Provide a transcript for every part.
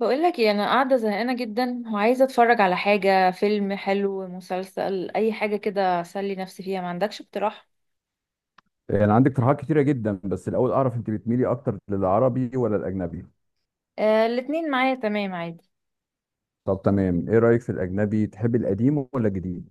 بقول لك ايه، انا قاعده زهقانه جدا وعايزه اتفرج على حاجه، فيلم حلو، مسلسل، اي حاجه كده اسلي نفسي فيها. ما عندكش اقتراح؟ يعني عندك اقتراحات كتيرة جدا، بس الأول أعرف أنت بتميلي أكتر للعربي ولا الأجنبي؟ آه، الاتنين معايا، تمام عادي. طب تمام، إيه رأيك في الأجنبي، تحبي القديم ولا الجديد؟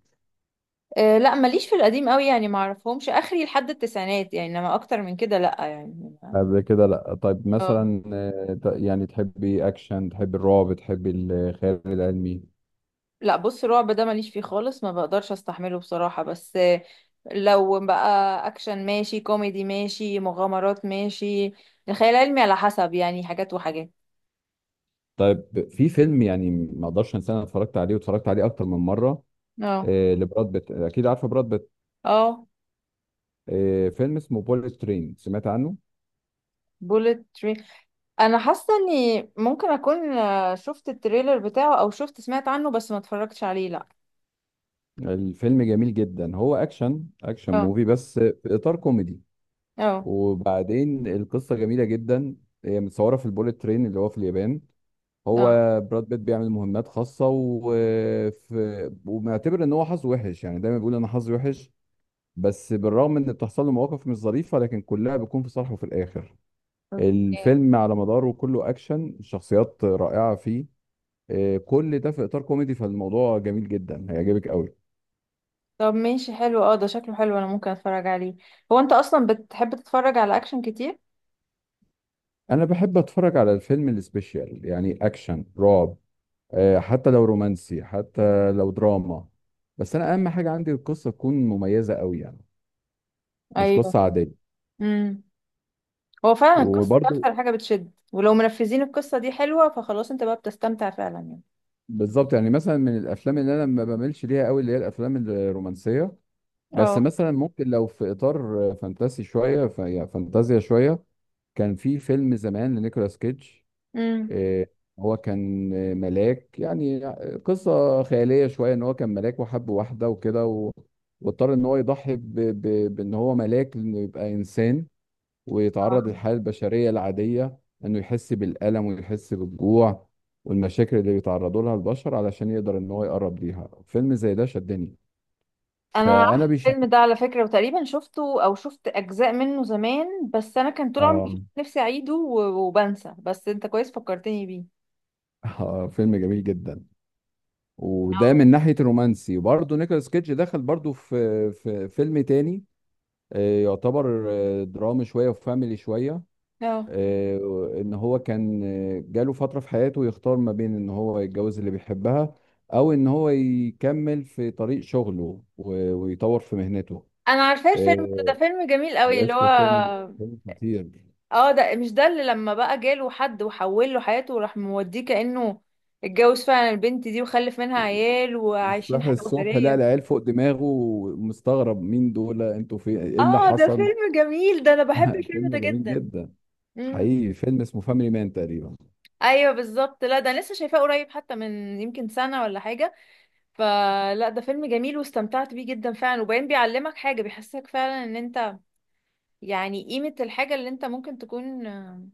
آه لا، ماليش في القديم قوي يعني، ما اعرفهمش، اخري لحد التسعينات يعني، انما اكتر من كده لا يعني. قبل كده لأ. طيب اه. مثلا، يعني تحبي أكشن، تحبي الرعب، تحبي الخيال العلمي؟ لا بص، الرعب ده ماليش فيه خالص، ما بقدرش استحمله بصراحه. بس لو بقى اكشن ماشي، كوميدي ماشي، مغامرات ماشي. الخيال العلمي على حسب يعني، حاجات وحاجات. طيب، في فيلم يعني ما أقدرش أنساه، أنا اتفرجت عليه واتفرجت عليه أكتر من مرة. اه. لبراد بيت، أكيد عارفة براد بيت. اه. فيلم اسمه بوليت ترين، سمعت عنه؟ بوليت. انا حاسه اني ممكن اكون شفت التريلر بتاعه، او شفت، سمعت عنه، بس ما اتفرجتش عليه لا. الفيلم جميل جدا، هو أكشن، أكشن اه. موفي بس في إطار كوميدي. اه. وبعدين القصة جميلة جدا. هي متصورة في البوليت ترين اللي هو في اليابان. هو اه. براد بيت بيعمل مهمات خاصة، وفي ومعتبر ان هو حظه وحش، يعني دايما بيقول انا حظي وحش. بس بالرغم ان بتحصل له مواقف مش ظريفة، لكن كلها بتكون في صالحه في الاخر. اوكي. الفيلم على مداره كله اكشن، الشخصيات رائعة فيه. كل ده في اطار كوميدي، فالموضوع جميل جدا، هيعجبك قوي. طب ماشي حلو، اه ده شكله حلو، انا ممكن اتفرج عليه. هو انت اصلا بتحب تتفرج على اكشن كتير؟ انا بحب اتفرج على الفيلم السبيشال، يعني اكشن، رعب، حتى لو رومانسي، حتى لو دراما. بس انا اهم حاجه عندي القصه تكون مميزه قوي، يعني مش ايوه. قصه عاديه. امم هو فعلا القصه دي وبرضو اكتر حاجه بتشد، ولو منفذين القصه دي حلوه فخلاص انت بقى بتستمتع فعلا يعني. بالظبط، يعني مثلا من الافلام اللي انا ما بميلش ليها قوي اللي هي الافلام الرومانسيه. بس اه. مثلا ممكن لو في اطار فانتاسي شويه، يعني فانتازيا شويه. كان في فيلم زمان لنيكولاس كيدج. امم آه، هو كان ملاك يعني. قصة خيالية شوية، ان هو كان ملاك وحب واحدة وكده واضطر ان هو يضحي بان هو ملاك، انه يبقى انسان، ويتعرض للحياة البشرية العادية، انه يحس بالألم ويحس بالجوع والمشاكل اللي بيتعرضوا لها البشر، علشان يقدر ان هو يقرب ليها. فيلم زي ده شدني، انا عارفه فانا بيشد. الفيلم ده على فكره، وتقريبا شفته او شفت اجزاء منه زمان، بس انا كان طول عمري آه. نفسي اعيده وبنسى، بس انت كويس فكرتني بيه. فيلم جميل جدا. وده من ناحية الرومانسي. وبرضه نيكولاس كيدج دخل برضه في في فيلم تاني. يعتبر درامي شوية وفاميلي شوية. اه، إن هو كان جاله فترة في حياته يختار ما بين إن هو يتجوز اللي بيحبها، أو إن هو يكمل في طريق شغله و- ويطور في مهنته. انا عارفاه الفيلم ده. آه، ده فيلم جميل قوي اللي عرفت هو. فيلم خطير. اه، ده مش ده اللي لما بقى جاله حد وحول له حياته وراح موديه كانه اتجوز فعلا البنت دي وخلف منها عيال وعايشين صحي حياه الصبح لقى اسريه؟ العيال فوق دماغه، مستغرب مين دول، انتوا في ايه اللي اه، ده حصل. فيلم جميل، ده انا بحب الفيلم فيلم ده جميل جدا. جدا. امم. حقيقي فيلم اسمه فاميلي مان تقريبا. ايوه بالظبط. لا ده أنا لسه شايفاه قريب، حتى من يمكن سنه ولا حاجه. فلا ده فيلم جميل، واستمتعت بيه جدا فعلا. وبعدين بيعلمك حاجة، بيحسسك فعلا ان انت يعني قيمة الحاجة اللي انت ممكن تكون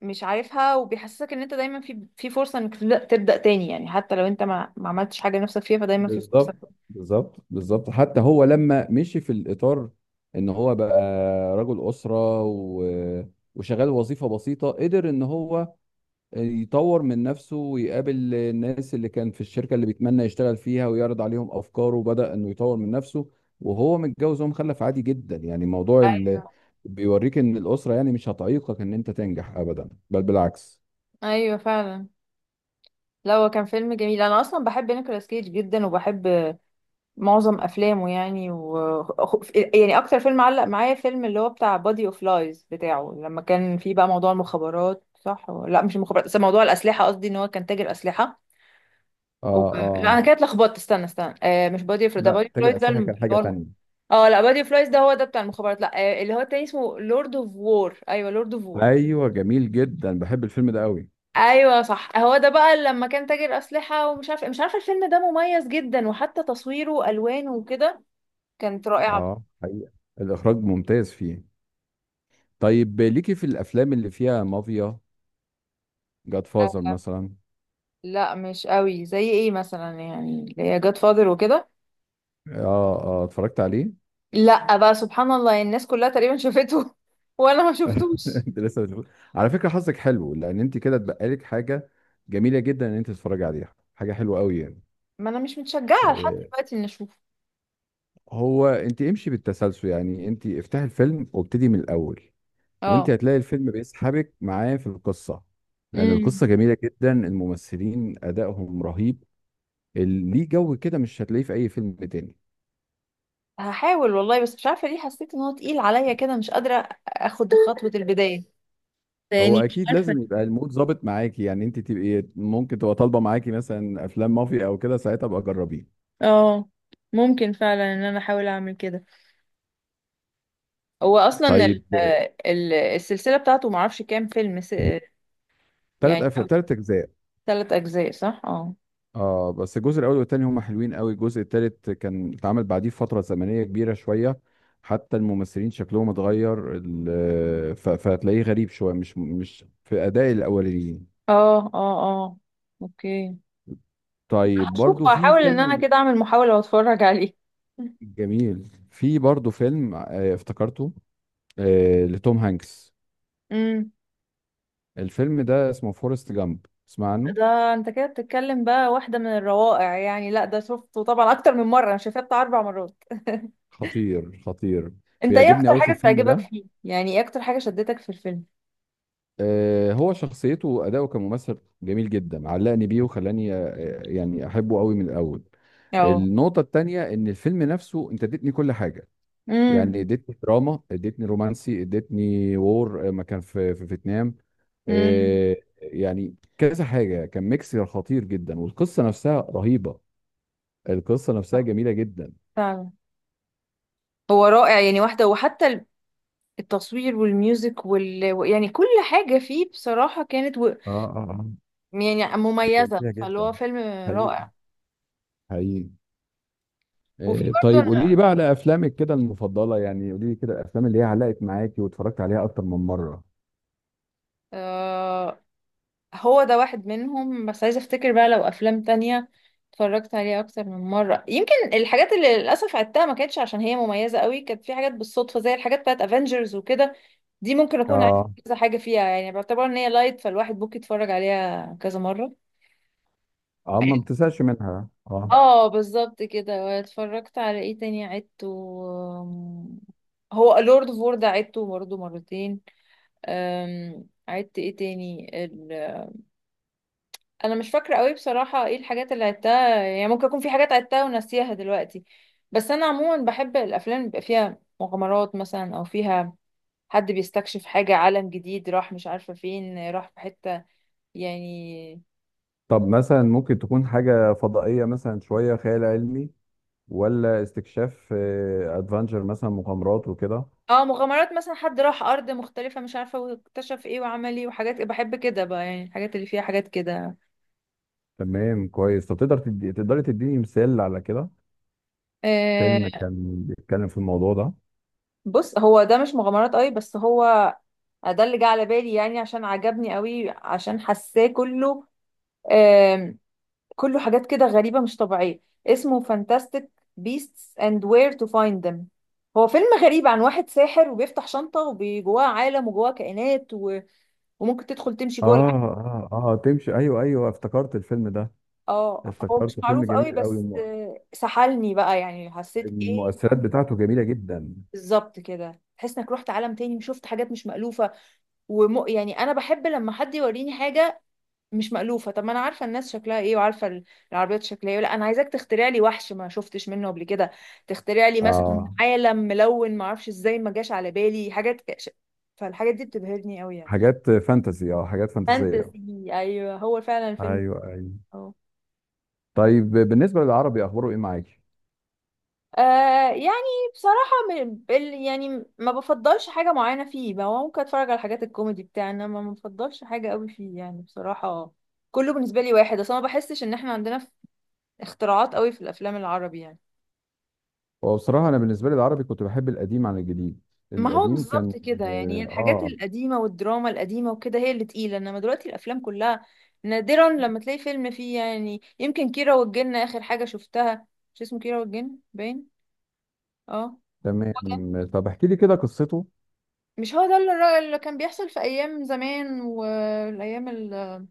مش عارفها. وبيحسسك ان انت دايما في فرصة انك تبدأ تاني يعني، حتى لو انت ما عملتش حاجة نفسك فيها، فدايما في فرصة. بالظبط بالظبط بالظبط، حتى هو لما مشي في الإطار إن هو بقى رجل أسرة وشغال وظيفة بسيطة، قدر إن هو يطور من نفسه ويقابل الناس اللي كان في الشركة اللي بيتمنى يشتغل فيها، ويعرض عليهم أفكاره، وبدأ إنه يطور من نفسه وهو متجوز ومخلف عادي جدا، يعني موضوع ايوه. بيوريك إن الأسرة يعني مش هتعيقك إن أنت تنجح أبدا، بل بالعكس. ايوه فعلا. لا، هو كان فيلم جميل. انا اصلا بحب نيكولاس كيج جدا، وبحب معظم افلامه يعني يعني اكتر فيلم علق معايا فيلم اللي هو بتاع بادي اوف لايز بتاعه، لما كان فيه بقى موضوع المخابرات، صح لا مش المخابرات، بس موضوع الاسلحه، قصدي ان هو كان تاجر اسلحه آه و... لا آه. انا كده اتلخبطت، استنى استنى، مش بادي اوف ده، لا، بادي اوف لايز تاجر ده أسلحة كان اللي حاجة هو تانية. اه لا، بادي اوف لايز ده هو ده بتاع المخابرات. لا اللي هو التاني اسمه لورد اوف وور. ايوه، لورد اوف وور. أيوه جميل جدا، بحب الفيلم ده قوي. ايوه صح، هو ده بقى لما كان تاجر اسلحه، ومش عارفه مش عارفه، الفيلم ده مميز جدا، وحتى تصويره والوانه وكده كانت رائعه. اه حقيقة، الإخراج ممتاز فيه. طيب، ليكي في الأفلام اللي فيها مافيا، جاد فازر مثلا؟ لا مش قوي. زي ايه مثلا يعني اللي هي جاد فاذر وكده؟ اه اه، اتفرجت عليه. لا بقى سبحان الله الناس كلها تقريبا شافته وانا ما شفتوش. انت لسه بتقول، على فكرة حظك حلو، لأن انت كده اتبقى لك حاجة جميلة جدا ان انت تتفرجي عليها، حاجة حلوة قوي يعني. ما انا مش متشجعه لحد آه، دلوقتي اني اشوفه. هو انت امشي بالتسلسل، يعني انت افتحي الفيلم وابتدي من الأول. وانت اه. هتلاقي الفيلم بيسحبك معاه في القصة، لأن امم القصة جميلة جدا، الممثلين أدائهم رهيب. ليه جو كده مش هتلاقيه في أي فيلم تاني. هحاول والله، بس مش عارفه ليه حسيت ان هو تقيل عليا كده، مش قادره اخد خطوه البدايه. هو يعني مش اكيد عارفه. لازم يبقى المود ظابط معاكي، يعني انت تبقي ممكن تبقى طالبه معاكي مثلا افلام مافيا او كده، ساعتها ابقى جربيه. اه، ممكن فعلا ان انا احاول اعمل كده. هو اصلا طيب، ال السلسله بتاعته معرفش كام فيلم يعني تلات اجزاء. 3 اجزاء صح اه. اه، بس الجزء الاول والتاني هما حلوين قوي. الجزء التالت كان اتعمل بعديه فتره زمنيه كبيره شويه، حتى الممثلين شكلهم اتغير. فهتلاقيه غريب شويه، مش في اداء الاولين. اه. اه. اه. اوكي، طيب برضو هشوف، في هحاول ان انا فيلم كده اعمل محاولة واتفرج عليه. جميل، في برضو فيلم افتكرته، لتوم هانكس. امم، الفيلم ده اسمه فورست جامب، اسمع عنه؟ ده انت كده بتتكلم بقى واحدة من الروائع يعني. لا ده شفته طبعا اكتر من مرة، انا شايفاه بتاع 4 مرات. خطير خطير. انت ايه بيعجبني اكتر قوي في حاجة الفيلم بتعجبك ده. فيه يعني؟ ايه اكتر حاجة شدتك في الفيلم؟ هو شخصيته وأداؤه كممثل جميل جدا، علقني بيه وخلاني يعني أحبه قوي من الأول. اه. النقطة التانية إن الفيلم نفسه، أنت اديتني كل حاجة، امم. يعني اديتني دراما، اديتني رومانسي، اديتني وور، ما كان في في فيتنام. امم. يعني كذا حاجة، كان ميكس خطير جدا، والقصة نفسها رهيبة. القصة نفسها جميلة جدا. فعلا. هو رائع يعني، واحدة، وحتى التصوير والميوزك يعني كل حاجة فيه بصراحة كانت اه اه، آه. يعني كانت مميزة، جميله فاللي هو جدا، فيلم حقيقي، رائع. حقيقي. وفي طيب قولي لي بقى على افلامك كده المفضله، يعني قولي لي كده الافلام اللي هي علقت معاكي واتفرجت عليها اكتر من مره. برضه، هو ده واحد منهم، بس عايزة افتكر بقى لو افلام تانية اتفرجت عليها اكتر من مرة. يمكن الحاجات اللي للاسف عدتها ما كانتش عشان هي مميزة قوي، كانت في حاجات بالصدفة زي الحاجات بتاعت افنجرز وكده، دي ممكن اكون عارفة اه كذا حاجة فيها، يعني بعتبر ان هي لايت، فالواحد ممكن يتفرج عليها كذا مرة. اه، ما بتزهقش منها، اه. اه بالظبط كده. واتفرجت على ايه تاني عدته؟ أم، هو لورد اوف وور ده عدته برضه مرتين. عدت ايه تاني؟ انا مش فاكره قوي بصراحه ايه الحاجات اللي عدتها يعني، ممكن يكون في حاجات عدتها وناسيها دلوقتي. بس انا عموما بحب الافلام اللي بيبقى فيها مغامرات مثلا، او فيها حد بيستكشف حاجه، عالم جديد راح مش عارفه فين، راح في حته يعني. طب مثلا ممكن تكون حاجه فضائيه، مثلا شويه خيال علمي، ولا استكشاف، ادفنتشر مثلا، مغامرات وكده؟ اه، مغامرات مثلا، حد راح ارض مختلفه مش عارفه، واكتشف ايه وعمل ايه، وحاجات بحب كده بقى يعني، الحاجات اللي فيها حاجات كده. تمام، كويس. طب تقدري تديني مثال على كده؟ فيلم آه كان بيتكلم في الموضوع ده. بص هو ده مش مغامرات قوي، بس هو ده اللي جه على بالي يعني، عشان عجبني قوي، عشان حاساه كله كله حاجات كده غريبة مش طبيعية. اسمه Fantastic Beasts and Where to Find Them. هو فيلم غريب عن واحد ساحر، وبيفتح شنطة وجواه عالم وجواه كائنات وممكن تدخل تمشي جوه العالم. اه اه اه، تمشي، ايوه ايوه افتكرت الفيلم ده. اه، هو مش افتكرته فيلم معروف قوي، جميل قوي. بس سحلني بقى يعني، حسيت ايه. المؤثرات بتاعته جميلة جدا. بالظبط كده، تحس انك رحت عالم تاني، وشفت حاجات مش مألوفة يعني انا بحب لما حد يوريني حاجة مش مألوفة. طب ما انا عارفة الناس شكلها ايه، وعارفة العربيات شكلها ايه. لا انا عايزاك تخترع لي وحش ما شفتش منه قبل كده، تخترع لي مثلا اه، عالم ملون، ما اعرفش ازاي، ما جاش على بالي حاجات فالحاجات دي بتبهرني قوي يعني. حاجات فانتسي، اه حاجات فانتسية. فانتسي ايوه، هو فعلا الفيلم. ايوه ايوه. اه. طيب بالنسبة للعربي، أخباره إيه معاكي؟ يعني بصراحة يعني ما بفضلش حاجة معينة فيه، ما هو ممكن اتفرج على الحاجات الكوميدي بتاعنا، ما بفضلش حاجة قوي فيه يعني بصراحة. كله بالنسبة لي واحد، اصل أنا ما بحسش ان احنا عندنا اختراعات قوي في الافلام العربي يعني. هو بصراحة أنا بالنسبة لي العربي كنت بحب القديم عن الجديد، ما هو القديم كان بالظبط كده يعني، آه الحاجات آه، القديمة والدراما القديمة وكده هي اللي تقيلة، انما دلوقتي الافلام كلها نادرا لما تلاقي فيلم فيه يعني. يمكن كيرة والجن اخر حاجة شفتها، مش اسمه كيرة والجن باين. اه هو ده. تمام. طب احكي لي كده قصته. مش هو ده اللي اللي كان بيحصل في ايام زمان والايام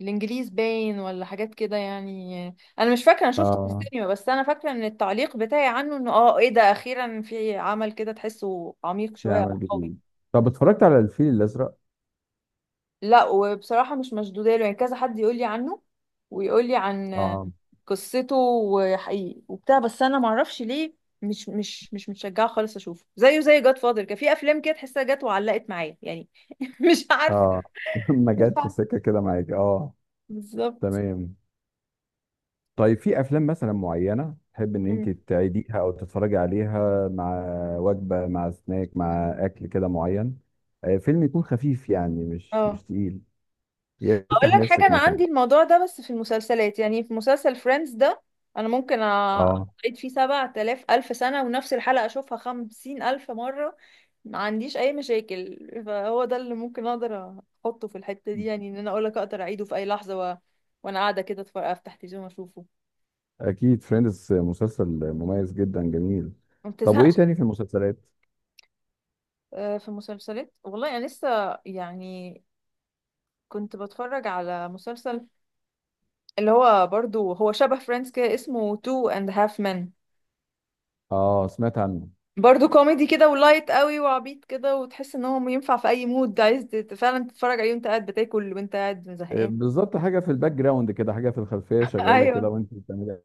الانجليز باين ولا حاجات كده يعني؟ انا مش فاكرة، انا شفته في اه، السينما، بس انا فاكرة ان التعليق بتاعي عنه انه ايه ده، اخيرا في عمل كده تحسه عميق في شوية او عمل قوي. جديد. طب اتفرجت على الفيل الأزرق؟ لا، وبصراحة مش مشدودة له، يعني كذا حد يقول لي عنه ويقول لي عن اه قصته، وحقيقي وبتاع، بس انا معرفش ليه مش متشجعة خالص اشوفه، زيه زي جاد فاذر، كان في افلام كده تحسها جت وعلقت معايا يعني. مش عارفة، اه. ما مش جت في عارفة سكة كده معاك. بالظبط. تمام. طيب، في افلام مثلا معينه تحب ان مم. انت تعيديها او تتفرجي عليها مع وجبه، مع سناك، مع اكل كده معين، فيلم يكون خفيف، يعني مش اه، مش تقيل، اقول يفتح لك حاجه، نفسك انا مثلا؟ عندي الموضوع ده بس في المسلسلات، يعني في مسلسل فريندز ده، انا ممكن اه، اقعد فيه سبعة آلاف الف سنه ونفس الحلقه اشوفها 50 الف مره، ما عنديش اي مشاكل. فهو ده اللي ممكن اقدر احطه في الحته دي، يعني ان انا اقول لك اقدر اعيده في اي لحظه وانا قاعده كده اتفرج، افتح تلفزيون اشوفه، اكيد فريندز مسلسل مميز جدا، جميل. ما طب وايه بتزهقش. تاني في المسلسلات؟ في مسلسلات والله، انا لسه يعني كنت بتفرج على مسلسل، اللي هو برضو هو شبه فريندز كده، اسمه تو اند هاف men. اه، سمعت عنه. برضو كوميدي كده ولايت قوي وعبيط كده، وتحس ان هو ينفع في اي مود عايز فعلا تتفرج عليه وانت قاعد بتاكل وانت قاعد زهقان. بالظبط، حاجه في الباك جراوند كده، حاجه في الخلفيه شغاله كده ايوه. وانت بتعملي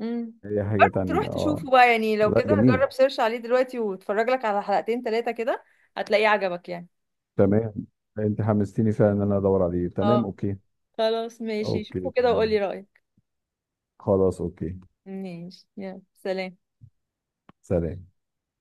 امم. اي حاجه برضو تروح تانية، اه. تشوفه بقى يعني، لو لا كده جميل. جرب سيرش عليه دلوقتي واتفرج لك على حلقتين ثلاثة كده، هتلاقيه عجبك يعني. تمام، انت حمستيني فعلا ان انا ادور عليه. تمام، اه، اوكي. خلاص ماشي، اوكي شوفه كده وقولي تمام. رأيك. خلاص اوكي. ماشي، يلا سلام. سلام.